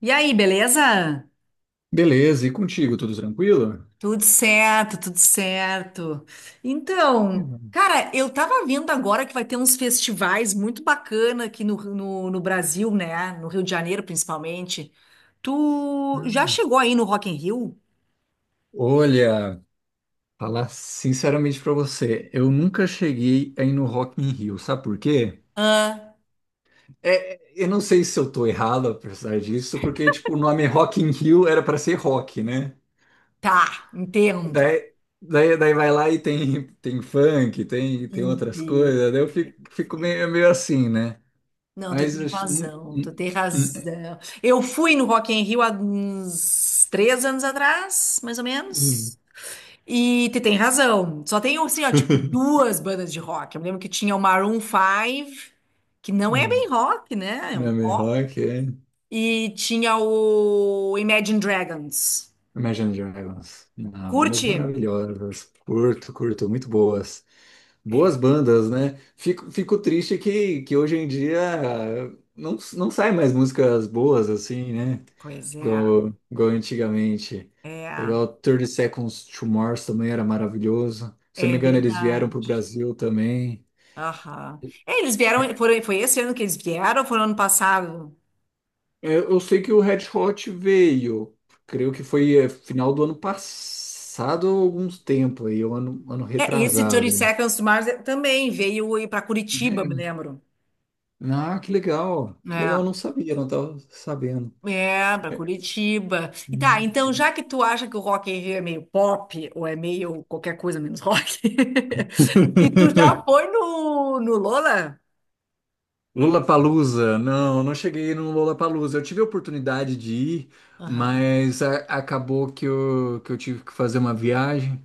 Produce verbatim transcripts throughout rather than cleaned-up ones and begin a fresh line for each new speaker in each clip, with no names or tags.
E aí, beleza?
Beleza, e contigo, tudo tranquilo?
Tudo certo, tudo certo.
Ih,
Então,
mano.
cara, eu tava vendo agora que vai ter uns festivais muito bacana aqui no, no, no Brasil, né? No Rio de Janeiro, principalmente. Tu já
Ah.
chegou aí no Rock in Rio?
Olha, falar sinceramente pra você, eu nunca cheguei a ir no Rock in Rio, sabe por quê?
Ah,
É, eu não sei se eu tô errado apesar disso, porque tipo, o nome Rock in Rio era pra ser rock, né?
tá, entendo.
Daí, daí, daí vai lá e tem, tem funk, tem, tem outras coisas, daí eu fico,
Entendo.
fico meio, é meio assim, né?
Não, tu
Mas eu
tem
acho- hum,
razão, tu
hum,
tem
hum,
razão. Eu fui no Rock in Rio há uns três anos atrás, mais ou
hum,
menos. E tu tem razão. Só tem, assim, ó, tipo, duas bandas de rock. Eu me lembro que tinha o Maroon five, que não é
hum.
bem rock, né? É um
Nome
pop.
rock, é.
E tinha o Imagine Dragons.
Imagine Dragons. Ah, bandas
Curte?
maravilhosas. Curto, curto, muito boas.
É,
Boas bandas, né? Fico, fico triste que, que hoje em dia ah, não, não sai mais músicas boas assim, né?
pois é.
Igual, igual antigamente.
É,
Igual thirty Seconds to Mars também era maravilhoso. Se eu não
é
me engano, eles vieram para o
verdade.
Brasil também.
Aham. É, eles vieram, foram, foi esse ano que eles vieram, ou foi no ano passado?
Eu, eu sei que o Red Hot veio, creio que foi eh, final do ano passado, alguns tempo aí, ou ano, ano
É, e esse thirty
retrasado.
Seconds to Mars também veio para Curitiba, me
Né?
lembro.
Ah, que legal. Que
É.
legal, eu não sabia, não estava sabendo.
É, pra Curitiba. E tá, então
Hum.
já que tu acha que o Rock in Rio é meio pop, ou é meio qualquer coisa menos rock, e tu já foi no, no Lola?
Lollapalooza, não, não cheguei no Lollapalooza. Eu tive a oportunidade de ir,
Aham.
mas a- acabou que eu, que eu tive que fazer uma viagem,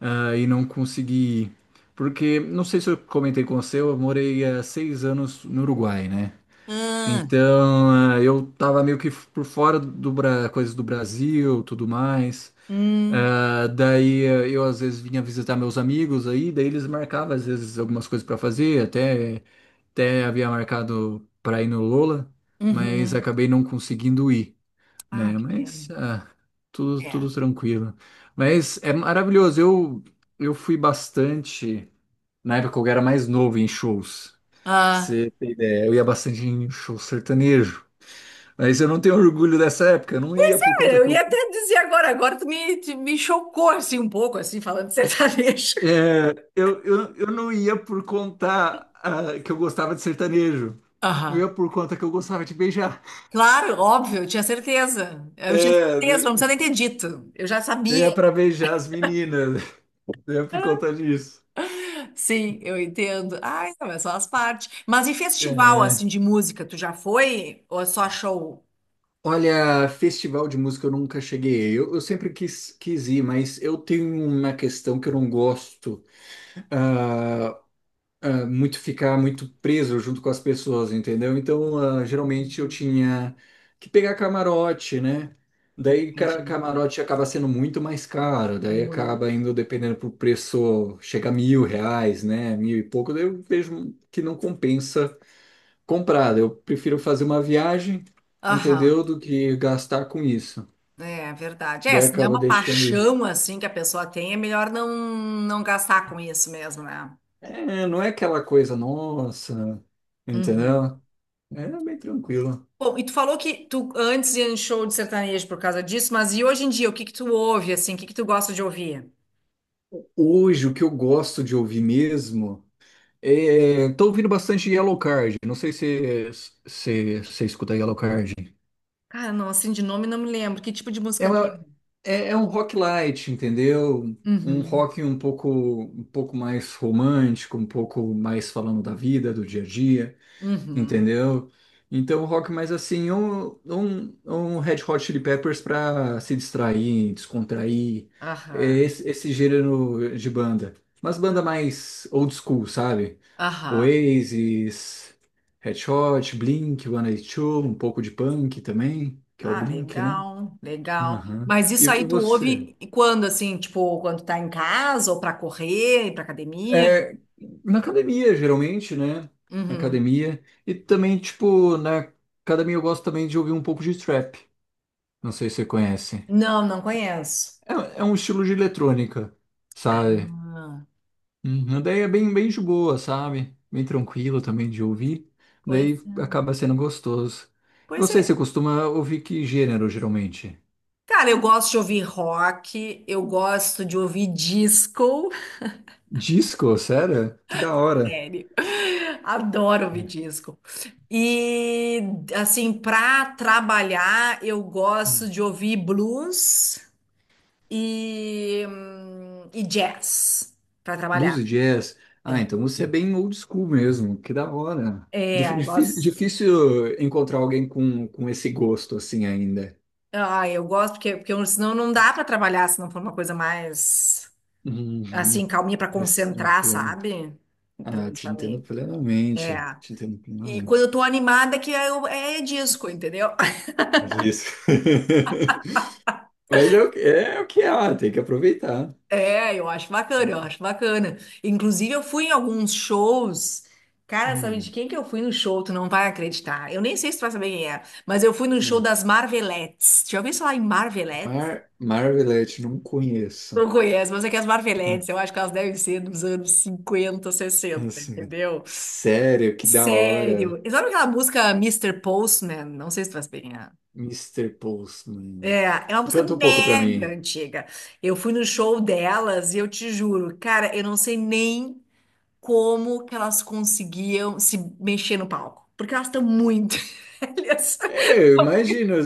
ah, e não consegui ir. Porque, não sei se eu comentei com você, eu morei há seis anos no Uruguai, né?
Ah,
Então, ah, eu tava meio que por fora do, Bra- coisas do Brasil, tudo mais.
hum,
Ah, daí eh, eu às vezes vinha visitar meus amigos aí, daí eles marcavam às vezes algumas coisas para fazer, até até havia marcado para ir no Lola, mas
uhum.
acabei não conseguindo ir,
Ah,
né?
que
Mas
pena.
ah, tudo
É.
tudo tranquilo. Mas é maravilhoso. Eu eu fui bastante na época que eu era mais novo em shows. Pra
Ah,
você ter ideia, eu ia bastante em show sertanejo. Mas eu não tenho orgulho dessa época, eu não ia por
é,
conta
eu
que eu.
ia até dizer agora, agora tu me, tu me chocou assim um pouco, assim, falando de sertanejo.
É, eu, eu, eu não ia por conta ah, que eu gostava de sertanejo. Eu
Aham.
ia por conta que eu gostava de beijar.
Claro, óbvio, eu tinha certeza. Eu tinha certeza,
É,
não precisa nem ter dito. Eu já
eu
sabia.
ia para beijar as meninas. Eu ia por conta disso.
Sim, eu entendo. Ai, não, mas só as partes. Mas e festival,
É.
assim, de música, tu já foi? Ou é só show?
Olha, festival de música eu nunca cheguei. Eu, eu sempre quis, quis ir, mas eu tenho uma questão que eu não gosto. ah, muito ficar muito preso junto com as pessoas, entendeu? Então, ah, geralmente eu
Hum,
tinha que pegar camarote, né? Daí cara,
Entendi.
camarote acaba sendo muito mais caro, daí acaba
Muito.
indo dependendo pro preço, chega a mil reais, né? Mil e pouco, daí eu vejo que não compensa comprar. Daí eu prefiro fazer uma viagem, entendeu?
Aham,
Do que gastar com isso.
é é verdade. É,
Daí
se não é
acaba
uma
deixando ir.
paixão, assim, que a pessoa tem, é melhor não, não gastar com isso mesmo, né?
É, não é aquela coisa, nossa,
Uhum.
entendeu? É bem tranquilo.
Bom, e tu falou que tu antes ia em show de sertanejo por causa disso, mas e hoje em dia, o que que tu ouve, assim, o que que tu gosta de ouvir?
Hoje, o que eu gosto de ouvir mesmo é. Tô ouvindo bastante Yellow Card. Não sei se você se, se escuta Yellow Card.
Cara, não, assim, de nome não me lembro. Que tipo de
É,
música que
uma-
é?
é, é um rock light, entendeu? Um
Uhum,
rock um pouco, um pouco mais romântico, um pouco mais falando da vida, do dia a dia,
uhum,
entendeu? Então, um rock mais assim, um, um, um Red Hot Chili Peppers para se distrair, descontrair. É
aham,
esse, esse gênero de banda. Mas banda mais old school, sabe?
aham.
Oasis, Red Hot, Blink, one eighty two, um pouco de punk também, que é o
Ah,
Blink, né?
legal, legal.
Aham.
Mas
E
isso
e
aí tu
você?
ouve quando, assim, tipo, quando tá em casa ou pra correr, ir pra academia?
É, na academia, geralmente, né? Na
Uhum.
academia. E também, tipo, na academia eu gosto também de ouvir um pouco de trap. Não sei se você conhece.
Não, não conheço.
É, é um estilo de eletrônica, sabe?
Ah,
Uhum, daí é bem, bem de boa, sabe? Bem tranquilo também de ouvir.
pois
Daí
é.
acaba sendo gostoso. E
Pois
Você,
é.
você costuma ouvir que gênero, geralmente?
Cara, eu gosto de ouvir rock, eu gosto de ouvir disco.
Disco, sério? Que da hora.
Sério. Adoro ouvir
É.
disco. E, assim, pra trabalhar, eu gosto
Hum.
de ouvir blues e, hum, e jazz pra
Blues
trabalhar.
e jazz. Ah, então você é, sim, bem old school mesmo. Que da hora. Dif-
É, eu
difí-
gosto.
Difícil encontrar alguém com, com, esse gosto assim ainda.
Ah, eu gosto porque, porque eu- senão não dá pra trabalhar se não for uma coisa mais assim,
Uhum,
calminha pra
mas
concentrar,
tranquilo.
sabe? Pelo
Ah,
menos
te
pra
entendo
mim. É.
plenamente. Te entendo
E quando
plenamente.
eu tô animada, que eu, é disco, entendeu?
Mas é isso. Mas é o que é, o que é lá, tem que aproveitar.
É, eu acho bacana, eu acho bacana. Inclusive, eu fui em alguns shows. Cara, sabe de
Hum,
quem que eu fui no show? Tu não vai acreditar. Eu nem sei se tu vai saber quem é, mas eu fui no show
hum.
das Marvelettes. Já ouviu falar em Marvelettes?
Mar Marvelette, não conheço.
Não conhece, mas é que as Marvelettes,
Hum,
eu acho que elas devem ser dos anos cinquenta, sessenta,
Assim,
entendeu?
sério, que da hora.
Sério. E sabe aquela música mister Postman? Não sei se tu faz bem. a-
Mister
É,
Postman.
é é uma música
Canta um pouco pra
mega
mim.
antiga. Eu fui no show delas e eu te juro, cara, eu não sei nem como que elas conseguiam se mexer no palco. Porque elas estão muito velhas.
É, eu imagino.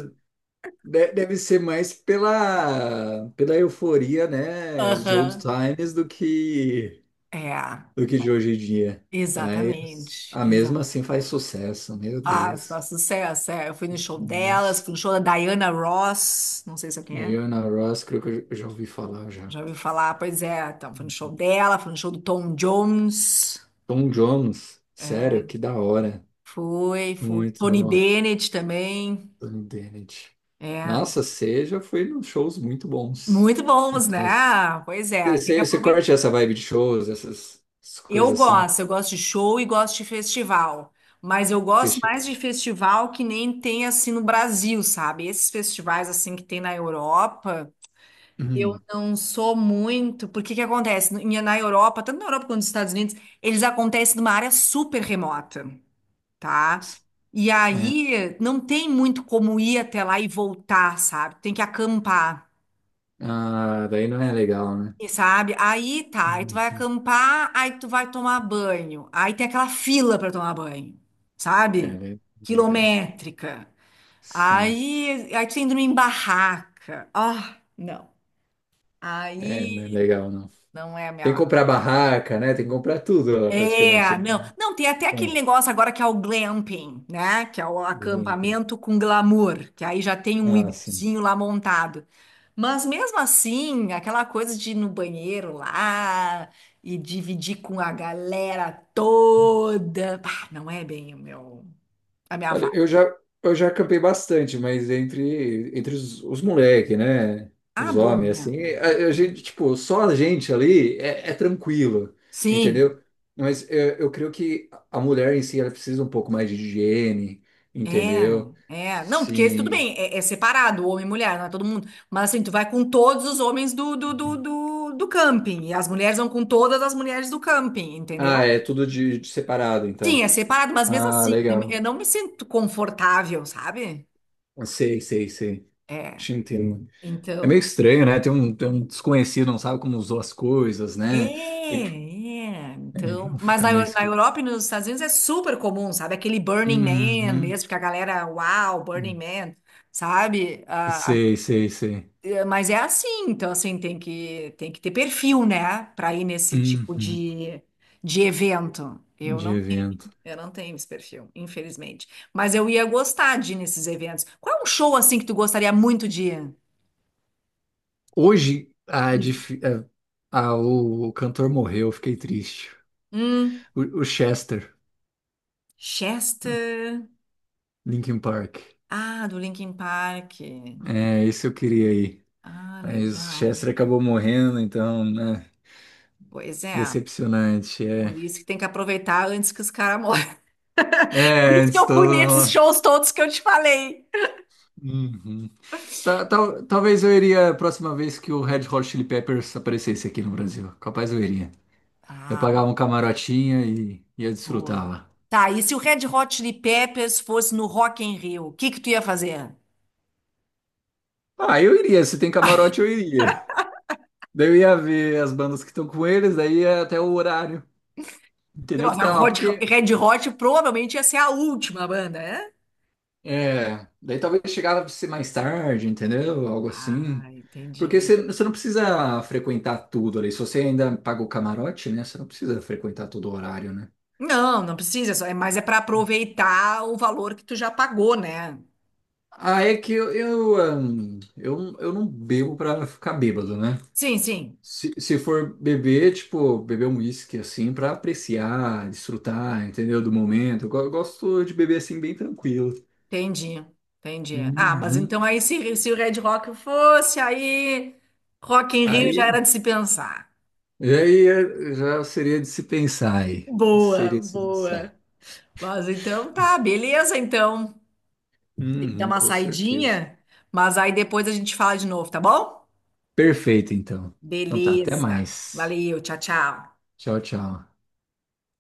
de- Deve ser mais pela, pela, euforia, né, de old
Aham.
times do que,
É,
do que de hoje em dia.
exatamente.
A mesma assim faz sucesso, meu
Ah,
Deus.
só sucesso, é. Eu fui no show delas,
Nossa.
fui no show da Diana Ross, não sei se é quem é,
Diana Ross, creio que eu já ouvi falar já.
já ouviu falar, pois é, então, fui no show dela, fui no show do Tom Jones,
Tom Jones,
é,
sério, que da hora.
fui, fui,
Muito
Tony
bom,
Bennett também,
Tony Bennett.
é,
Nossa, você já foi nos shows muito bons.
muito bons,
Muito
né?
bons.
Pois é,
Você,
tem que
você você
aproveitar.
curte essa vibe de shows, essas essas
Eu
coisas assim,
gosto, eu gosto de show e gosto de festival, mas eu gosto mais de
festival.
festival que nem tem assim no Brasil, sabe? Esses festivais assim que tem na Europa, eu
Uhum.
não sou muito, porque que acontece? No- em- Na Europa, tanto na Europa quanto nos Estados Unidos, eles acontecem numa área super remota, tá? E
É,
aí não tem muito como ir até lá e voltar, sabe? Tem que acampar,
ah, daí não é legal, né?
e sabe? Aí tá, aí tu vai
Uhum.
acampar, aí tu vai tomar banho. Aí tem aquela fila para tomar banho,
É,
sabe?
le- legal.
Quilométrica.
Sim,
Aí, aí tu indo em barraca. Ah, não.
é, não é
Aí
legal, não.
não é a
Tem que
minha.
comprar barraca, né? Tem que comprar tudo lá, praticamente.
É, não. Não, tem até aquele
É.
negócio agora que é o glamping, né? Que é o
bem-
acampamento com glamour, que aí já tem um
Ah, sim.
igluzinho lá montado. Mas mesmo assim, aquela coisa de ir no banheiro lá e dividir com a galera toda, bah, não é bem o meu, a minha
Olha,
vibe.
eu já, eu já acampei bastante, mas entre, entre os, os moleque, né?
Ah,
Os
bom,
homens,
né?
assim, a, a gente, tipo, só a gente ali é, é tranquilo,
Sim.
entendeu? Mas eu eu, creio que a mulher em si, ela precisa um pouco mais de higiene,
É,
entendeu?
é. Não, porque tudo
Sim.
bem, é, é separado, homem e mulher, não é todo mundo. Mas assim, tu vai com todos os homens do, do, do, do, do camping. E as mulheres vão com todas as mulheres do camping, entendeu?
Ah, é tudo de, de separado,
Sim,
então.
é separado, mas mesmo
Ah,
assim, eu
legal.
não me sinto confortável, sabe?
Sei, sei, sei.
É.
Te entendo. É meio
Então.
estranho, né? Tem um, tem um desconhecido, não sabe como usou as coisas,
É,
né? Tem que.
é.
É,
Então.
então
Mas
fica
na,
meio
Eu- na
esquisito.
Europa e nos Estados Unidos é super comum, sabe? Aquele Burning Man
Uhum.
mesmo, que a galera, uau, Burning Man, sabe? Ah,
Sei, sei, sei.
mas é assim, então assim, tem que, tem que ter perfil, né, para ir nesse tipo
Uhum.
de, de evento. Eu
De
não tenho,
evento.
eu não tenho esse perfil, infelizmente. Mas eu ia gostar de ir nesses eventos. Qual é um show assim que tu gostaria muito de ir?
Hoje, a,
Isso.
dif- a- a- o, o cantor morreu, eu fiquei triste.
Hum,
O, o Chester,
Chester.
Linkin Park.
Ah, do Linkin Park.
É, isso eu queria ir.
Ah,
Mas o
legal.
Chester acabou morrendo, então, né?
Pois é.
Decepcionante, é.
Por isso que tem que aproveitar antes que os caras morram. Por
É,
isso que
antes
eu fui
todo
nesses
mundo.
shows todos que eu te falei.
Uhum. Ta- tal- talvez eu iria a próxima vez que o Red Hot Chili Peppers aparecesse aqui no Brasil. Capaz eu iria. Eu
Ah.
pagava um camarotinho e ia desfrutar
Boa.
lá.
Tá, e se o Red Hot Chili Peppers fosse no Rock in Rio, o que que tu ia fazer?
Ah, eu iria. Se tem camarote, eu iria. Daí eu ia ver as bandas que estão com eles, daí ia até o horário, entendeu? Que
Nossa,
tá lá,
Hot-
porque.
Red Hot provavelmente ia ser a última banda, né?
É. Daí talvez chegava a ser mais tarde, entendeu? Algo
Ah,
assim. Porque
entendi.
você você não precisa frequentar tudo ali. Se você ainda paga o camarote, né? Você não precisa frequentar todo o horário, né?
Não, não precisa, só- é- mas é para aproveitar o valor que tu já pagou, né?
Ah, é que eu, eu, ahn, eu, eu não bebo pra ficar bêbado, né?
Sim, sim,
Se, se for beber, tipo, beber um uísque assim pra apreciar, desfrutar, entendeu? Do momento. Eu, go- eu gosto de beber assim bem tranquilo.
entendi, entendi. Ah, mas
Uhum.
então aí se, se o Red Rock fosse, aí Rock in Rio já
Aí,
era de se pensar.
e aí é- já seria de se pensar aí.
Boa,
Seria de se
boa.
pensar.
Mas então tá, beleza então. Dá
Uhum,
uma
com certeza.
saidinha, mas aí depois a gente fala de novo, tá bom?
Perfeito, então. Então tá, até
Beleza.
mais.
Valeu, tchau, tchau.
Tchau, tchau.